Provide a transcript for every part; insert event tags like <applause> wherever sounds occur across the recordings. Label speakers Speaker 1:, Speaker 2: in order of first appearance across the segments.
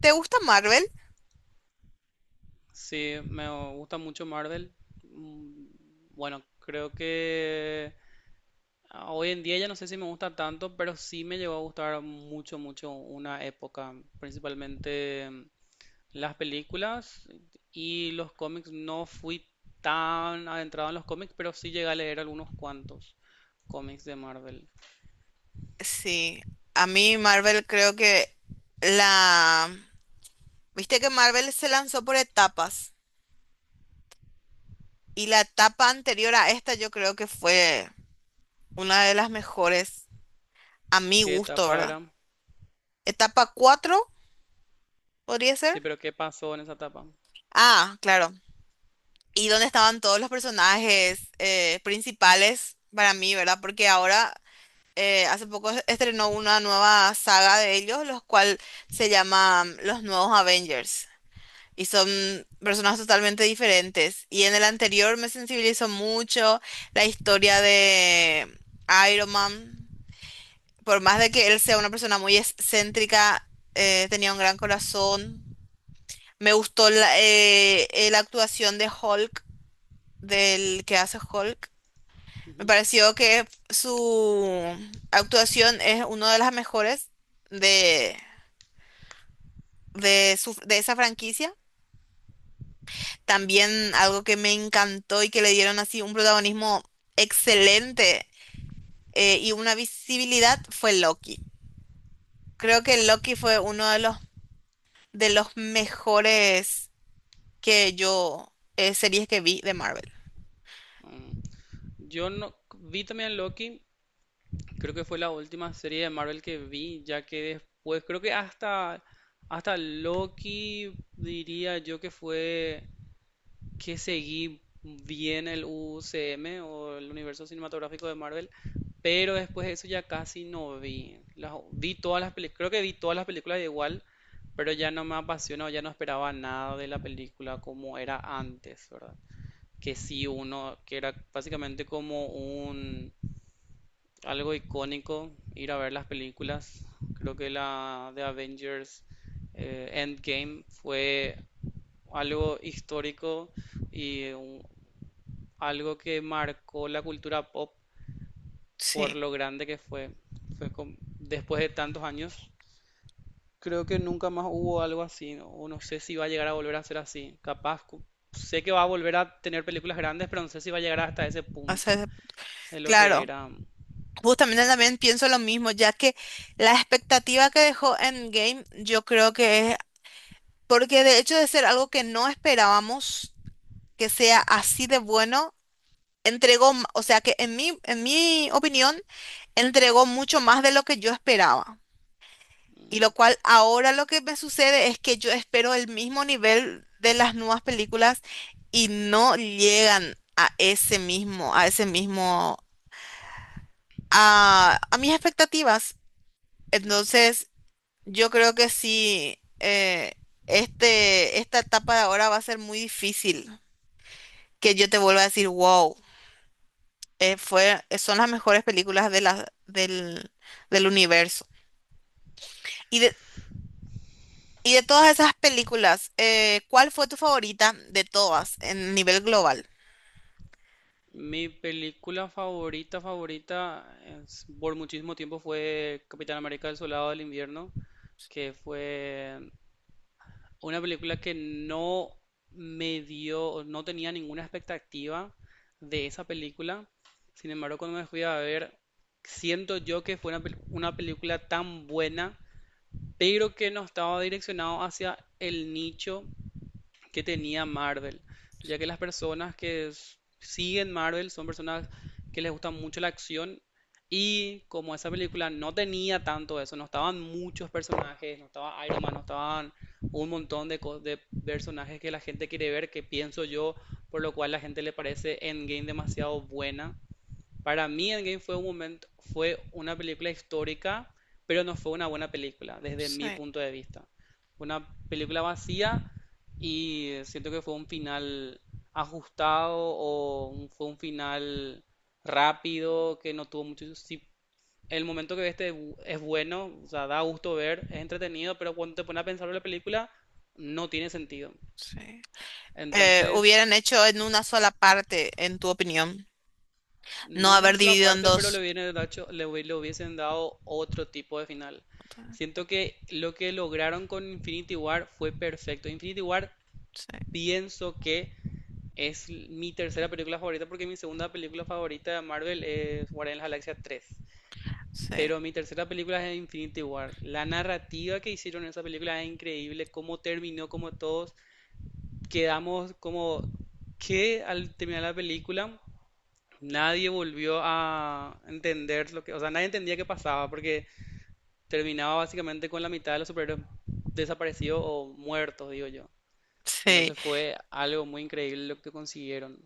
Speaker 1: ¿Te gusta Marvel?
Speaker 2: Sí, me gusta mucho Marvel. Mm, Bueno, creo que hoy en día ya no sé si me gusta tanto, pero sí me llegó a gustar mucho una época, principalmente las películas y los cómics. No fui tan adentrado en los cómics, pero sí llegué a leer algunos cuantos cómics de Marvel.
Speaker 1: Sí, a mí Marvel creo que la... Viste que Marvel se lanzó por etapas y la etapa anterior a esta yo creo que fue una de las mejores a mi
Speaker 2: ¿Qué
Speaker 1: gusto,
Speaker 2: etapa
Speaker 1: ¿verdad?
Speaker 2: era?
Speaker 1: ¿Etapa 4 podría ser?
Speaker 2: Sí, pero ¿qué pasó en esa etapa?
Speaker 1: Ah, claro. Y donde estaban todos los personajes principales para mí, ¿verdad? Porque ahora hace poco estrenó una nueva saga de ellos, los cual se llama Los Nuevos Avengers. Y son personas totalmente diferentes. Y en el anterior me sensibilizó mucho la historia de Iron Man. Por más de que él sea una persona muy excéntrica, tenía un gran corazón. Me gustó la actuación de Hulk, del que hace Hulk. Me
Speaker 2: Ujú.
Speaker 1: pareció que su actuación es una de las mejores de, de esa franquicia. También algo que me encantó y que le dieron así un protagonismo excelente, y una visibilidad, fue Loki. Creo que Loki fue uno de de los mejores series que vi de Marvel.
Speaker 2: Mm. Yo no vi también Loki. Creo que fue la última serie de Marvel que vi, ya que después, creo que hasta Loki diría yo que fue que seguí bien el UCM o el universo cinematográfico de Marvel, pero después de eso ya casi no vi. Vi todas las películas, creo que vi todas las películas igual, pero ya no me apasionó, ya no esperaba nada de la película como era antes, ¿verdad? Que sí uno, que era básicamente como un algo icónico, ir a ver las películas. Creo que la de Avengers Endgame fue algo histórico y algo que marcó la cultura pop por
Speaker 1: Sí,
Speaker 2: lo grande que fue. Fue después de tantos años. Creo que nunca más hubo algo así, ¿no? O no sé si va a llegar a volver a ser así. Capaz, sé que va a volver a tener películas grandes, pero no sé si va a llegar hasta ese
Speaker 1: o
Speaker 2: punto
Speaker 1: sea,
Speaker 2: de lo que
Speaker 1: claro.
Speaker 2: era.
Speaker 1: Justamente también pienso lo mismo, ya que la expectativa que dejó Endgame, yo creo que es, porque de hecho, de ser algo que no esperábamos que sea así de bueno, entregó, o sea que en en mi opinión, entregó mucho más de lo que yo esperaba. Y lo cual ahora lo que me sucede es que yo espero el mismo nivel de las nuevas películas y no llegan a ese mismo, a mis expectativas. Entonces, yo creo que sí, esta etapa de ahora va a ser muy difícil que yo te vuelva a decir, wow. Son las mejores películas del, del universo. Y de, y de todas esas películas, ¿cuál fue tu favorita de todas en nivel global?
Speaker 2: Mi película favorita por muchísimo tiempo fue Capitán América El Soldado del Invierno, que fue una película que no me dio, no tenía ninguna expectativa de esa película. Sin embargo, cuando me fui a ver, siento yo que fue una película tan buena, pero que no estaba direccionado hacia el nicho que tenía Marvel, ya que las personas que siguen Marvel son personas que les gusta mucho la acción, y como esa película no tenía tanto eso, no estaban muchos personajes, no estaba Iron Man, no estaban un montón de, de personajes que la gente quiere ver, que pienso yo, por lo cual la gente le parece Endgame demasiado buena. Para mí Endgame fue un momento, fue una película histórica, pero no fue una buena película, desde mi
Speaker 1: Sí,
Speaker 2: punto de vista. Una película vacía, y siento que fue un final ajustado o fue un final rápido que no tuvo mucho. Si el momento que ves es bueno, o sea, da gusto ver, es entretenido, pero cuando te pones a pensar en la película, no tiene sentido.
Speaker 1: sí.
Speaker 2: Entonces,
Speaker 1: Hubieran hecho en una sola parte, en tu opinión, no
Speaker 2: no, no
Speaker 1: haber
Speaker 2: es la
Speaker 1: dividido en
Speaker 2: parte, pero le
Speaker 1: dos.
Speaker 2: hubiesen dado, le hubiesen dado otro tipo de final.
Speaker 1: Ta-
Speaker 2: Siento que lo que lograron con Infinity War fue perfecto. Infinity War
Speaker 1: Sí,
Speaker 2: pienso que es mi tercera película favorita, porque mi segunda película favorita de Marvel es Guardianes de la Galaxia 3.
Speaker 1: sí,
Speaker 2: Pero mi tercera película es Infinity War. La narrativa que hicieron en esa película es increíble, cómo terminó, como todos quedamos como que al terminar la película nadie volvió a entender lo que, o sea, nadie entendía qué pasaba, porque terminaba básicamente con la mitad de los superhéroes desaparecidos o muertos, digo yo.
Speaker 1: sí.
Speaker 2: Entonces fue algo muy increíble lo que consiguieron.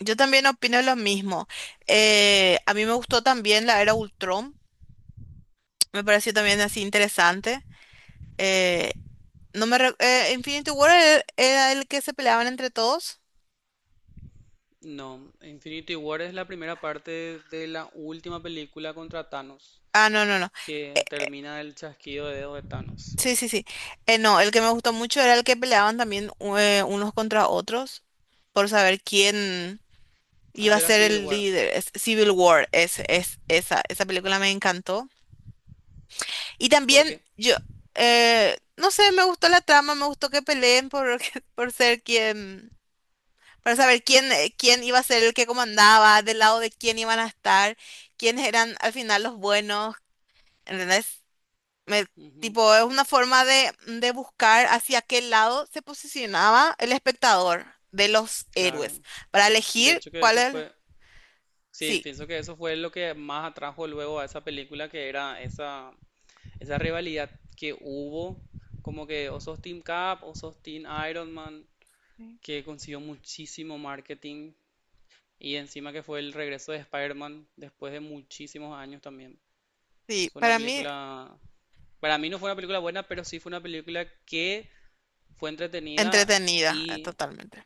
Speaker 1: Yo también opino lo mismo. A mí me gustó también la era Ultron. Me pareció también así interesante. Eh, No me re- Infinity War era, era el que se peleaban entre todos.
Speaker 2: No, Infinity War es la primera parte de la última película contra Thanos,
Speaker 1: Ah, no, no, no. Eh,
Speaker 2: que termina el chasquido de dedos de Thanos.
Speaker 1: sí, sí, sí. No, el que me gustó mucho era el que peleaban también, unos contra otros, por saber quién iba a
Speaker 2: Hacer era
Speaker 1: ser
Speaker 2: Civil
Speaker 1: el
Speaker 2: War,
Speaker 1: líder. Es Civil War, esa, esa película me encantó. Y también
Speaker 2: porque,
Speaker 1: yo, no sé, me gustó la trama, me gustó que peleen por, <laughs> por ser quien, para saber quién, quién iba a ser el que comandaba, del lado de quién iban a estar, quiénes eran al final los buenos. ¿Entendés? Me-
Speaker 2: ujú,
Speaker 1: Tipo, es una forma de buscar hacia qué lado se posicionaba el espectador de los héroes
Speaker 2: claro.
Speaker 1: para
Speaker 2: De
Speaker 1: elegir
Speaker 2: hecho que
Speaker 1: cuál
Speaker 2: eso
Speaker 1: es. El-
Speaker 2: fue, sí,
Speaker 1: Sí,
Speaker 2: pienso que eso fue lo que más atrajo luego a esa película, que era esa esa rivalidad que hubo, como que o sos Team Cap o sos Team Iron Man,
Speaker 1: sí.
Speaker 2: que consiguió muchísimo marketing, y encima que fue el regreso de Spider-Man después de muchísimos años también.
Speaker 1: Sí,
Speaker 2: Fue una
Speaker 1: para mí
Speaker 2: película, para mí no fue una película buena, pero sí fue una película que fue entretenida
Speaker 1: entretenida,
Speaker 2: y
Speaker 1: totalmente.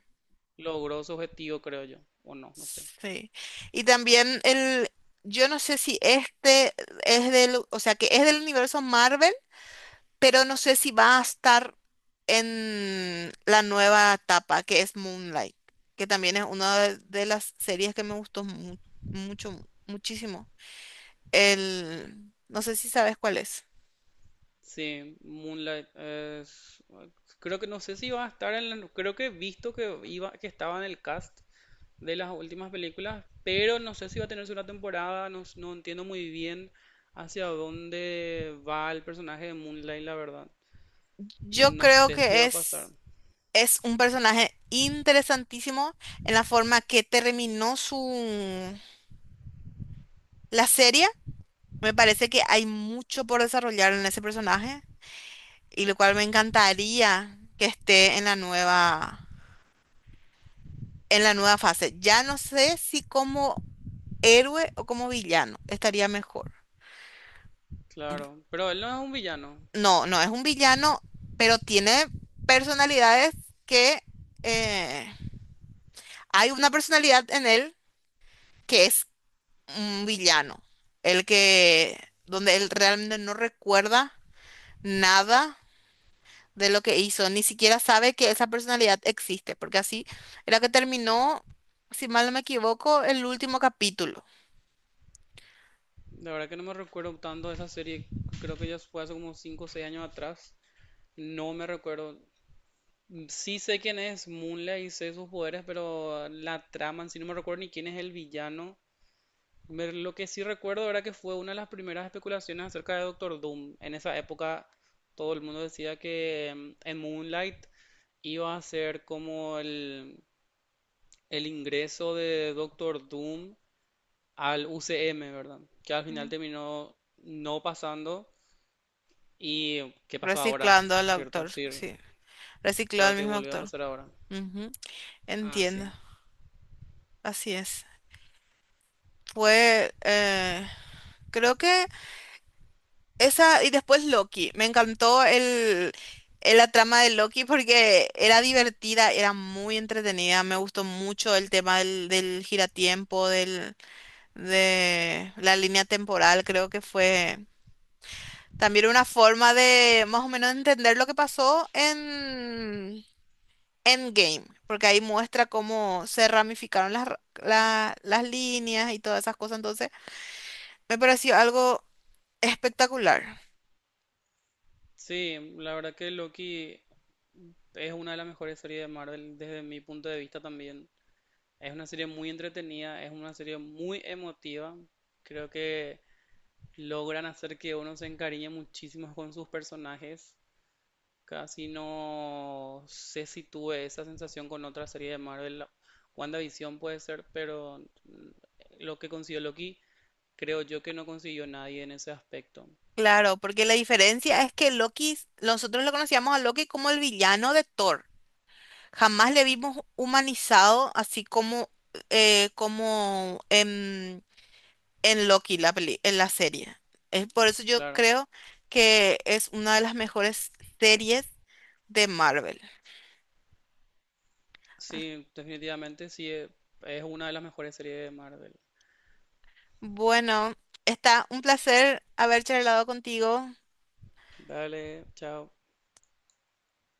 Speaker 2: logró su objetivo, creo yo, o no, no sé.
Speaker 1: Sí. Y también el, yo no sé si este es del, o sea, que es del universo Marvel, pero no sé si va a estar en la nueva etapa, que es Moonlight, que también es una de las series que me gustó mucho, muchísimo. El, no sé si sabes cuál es.
Speaker 2: Sí, Moonlight creo que no sé si va a estar en la, creo que he visto que iba que estaba en el cast de las últimas películas, pero no sé si va a tener segunda temporada, no, no entiendo muy bien hacia dónde va el personaje de Moonlight, la verdad.
Speaker 1: Yo
Speaker 2: No
Speaker 1: creo
Speaker 2: sé qué
Speaker 1: que
Speaker 2: va a pasar,
Speaker 1: es un personaje interesantísimo en la forma que terminó su la serie. Me parece que hay mucho por desarrollar en ese personaje, y lo cual me encantaría que esté en la nueva, en la nueva fase. Ya no sé si como héroe o como villano estaría mejor.
Speaker 2: claro, pero él no es un villano.
Speaker 1: No, no es un villano, pero tiene personalidades que, eh, hay una personalidad en él que es un villano, el que donde él realmente no recuerda nada de lo que hizo, ni siquiera sabe que esa personalidad existe, porque así era que terminó, si mal no me equivoco, el último capítulo.
Speaker 2: La verdad que no me recuerdo tanto de esa serie, creo que ya fue hace como 5, o 6 años atrás. No me recuerdo. Sí sé quién es Moonlight y sé sus poderes, pero la trama en sí no me recuerdo ni quién es el villano. Lo que sí recuerdo era que fue una de las primeras especulaciones acerca de Doctor Doom. En esa época todo el mundo decía que en Moonlight iba a ser como el ingreso de Doctor Doom al UCM, ¿verdad? Que al final
Speaker 1: Mm,
Speaker 2: terminó no pasando. ¿Y qué pasó ahora?
Speaker 1: reciclando al
Speaker 2: ¿Cierto?
Speaker 1: autor,
Speaker 2: Sí,
Speaker 1: sí. Recicló
Speaker 2: claro
Speaker 1: al
Speaker 2: que
Speaker 1: mismo
Speaker 2: volvió a
Speaker 1: actor.
Speaker 2: pasar ahora.
Speaker 1: Ujú,
Speaker 2: Ah, sí.
Speaker 1: entiendo. Así es. Fue, creo que esa, y después Loki. Me encantó el, la trama de Loki porque era divertida, era muy entretenida. Me gustó mucho el tema del, del giratiempo, del, de la línea temporal. Creo que fue también una forma de más o menos entender lo que pasó en Endgame, porque ahí muestra cómo se ramificaron las líneas y todas esas cosas. Entonces, me pareció algo espectacular.
Speaker 2: Sí, la verdad que Loki es una de las mejores series de Marvel desde mi punto de vista también. Es una serie muy entretenida, es una serie muy emotiva. Creo que logran hacer que uno se encariñe muchísimo con sus personajes. Casi no sé si tuve esa sensación con otra serie de Marvel. WandaVision puede ser, pero lo que consiguió Loki, creo yo que no consiguió nadie en ese aspecto.
Speaker 1: Claro, porque la diferencia es que Loki, nosotros lo conocíamos a Loki como el villano de Thor. Jamás le vimos humanizado así como, como en Loki, en la serie. Es por eso yo
Speaker 2: Claro,
Speaker 1: creo que es una de las mejores series de Marvel.
Speaker 2: sí, definitivamente sí, es una de las mejores series de Marvel.
Speaker 1: Bueno, está un placer haber charlado contigo.
Speaker 2: Dale, chao.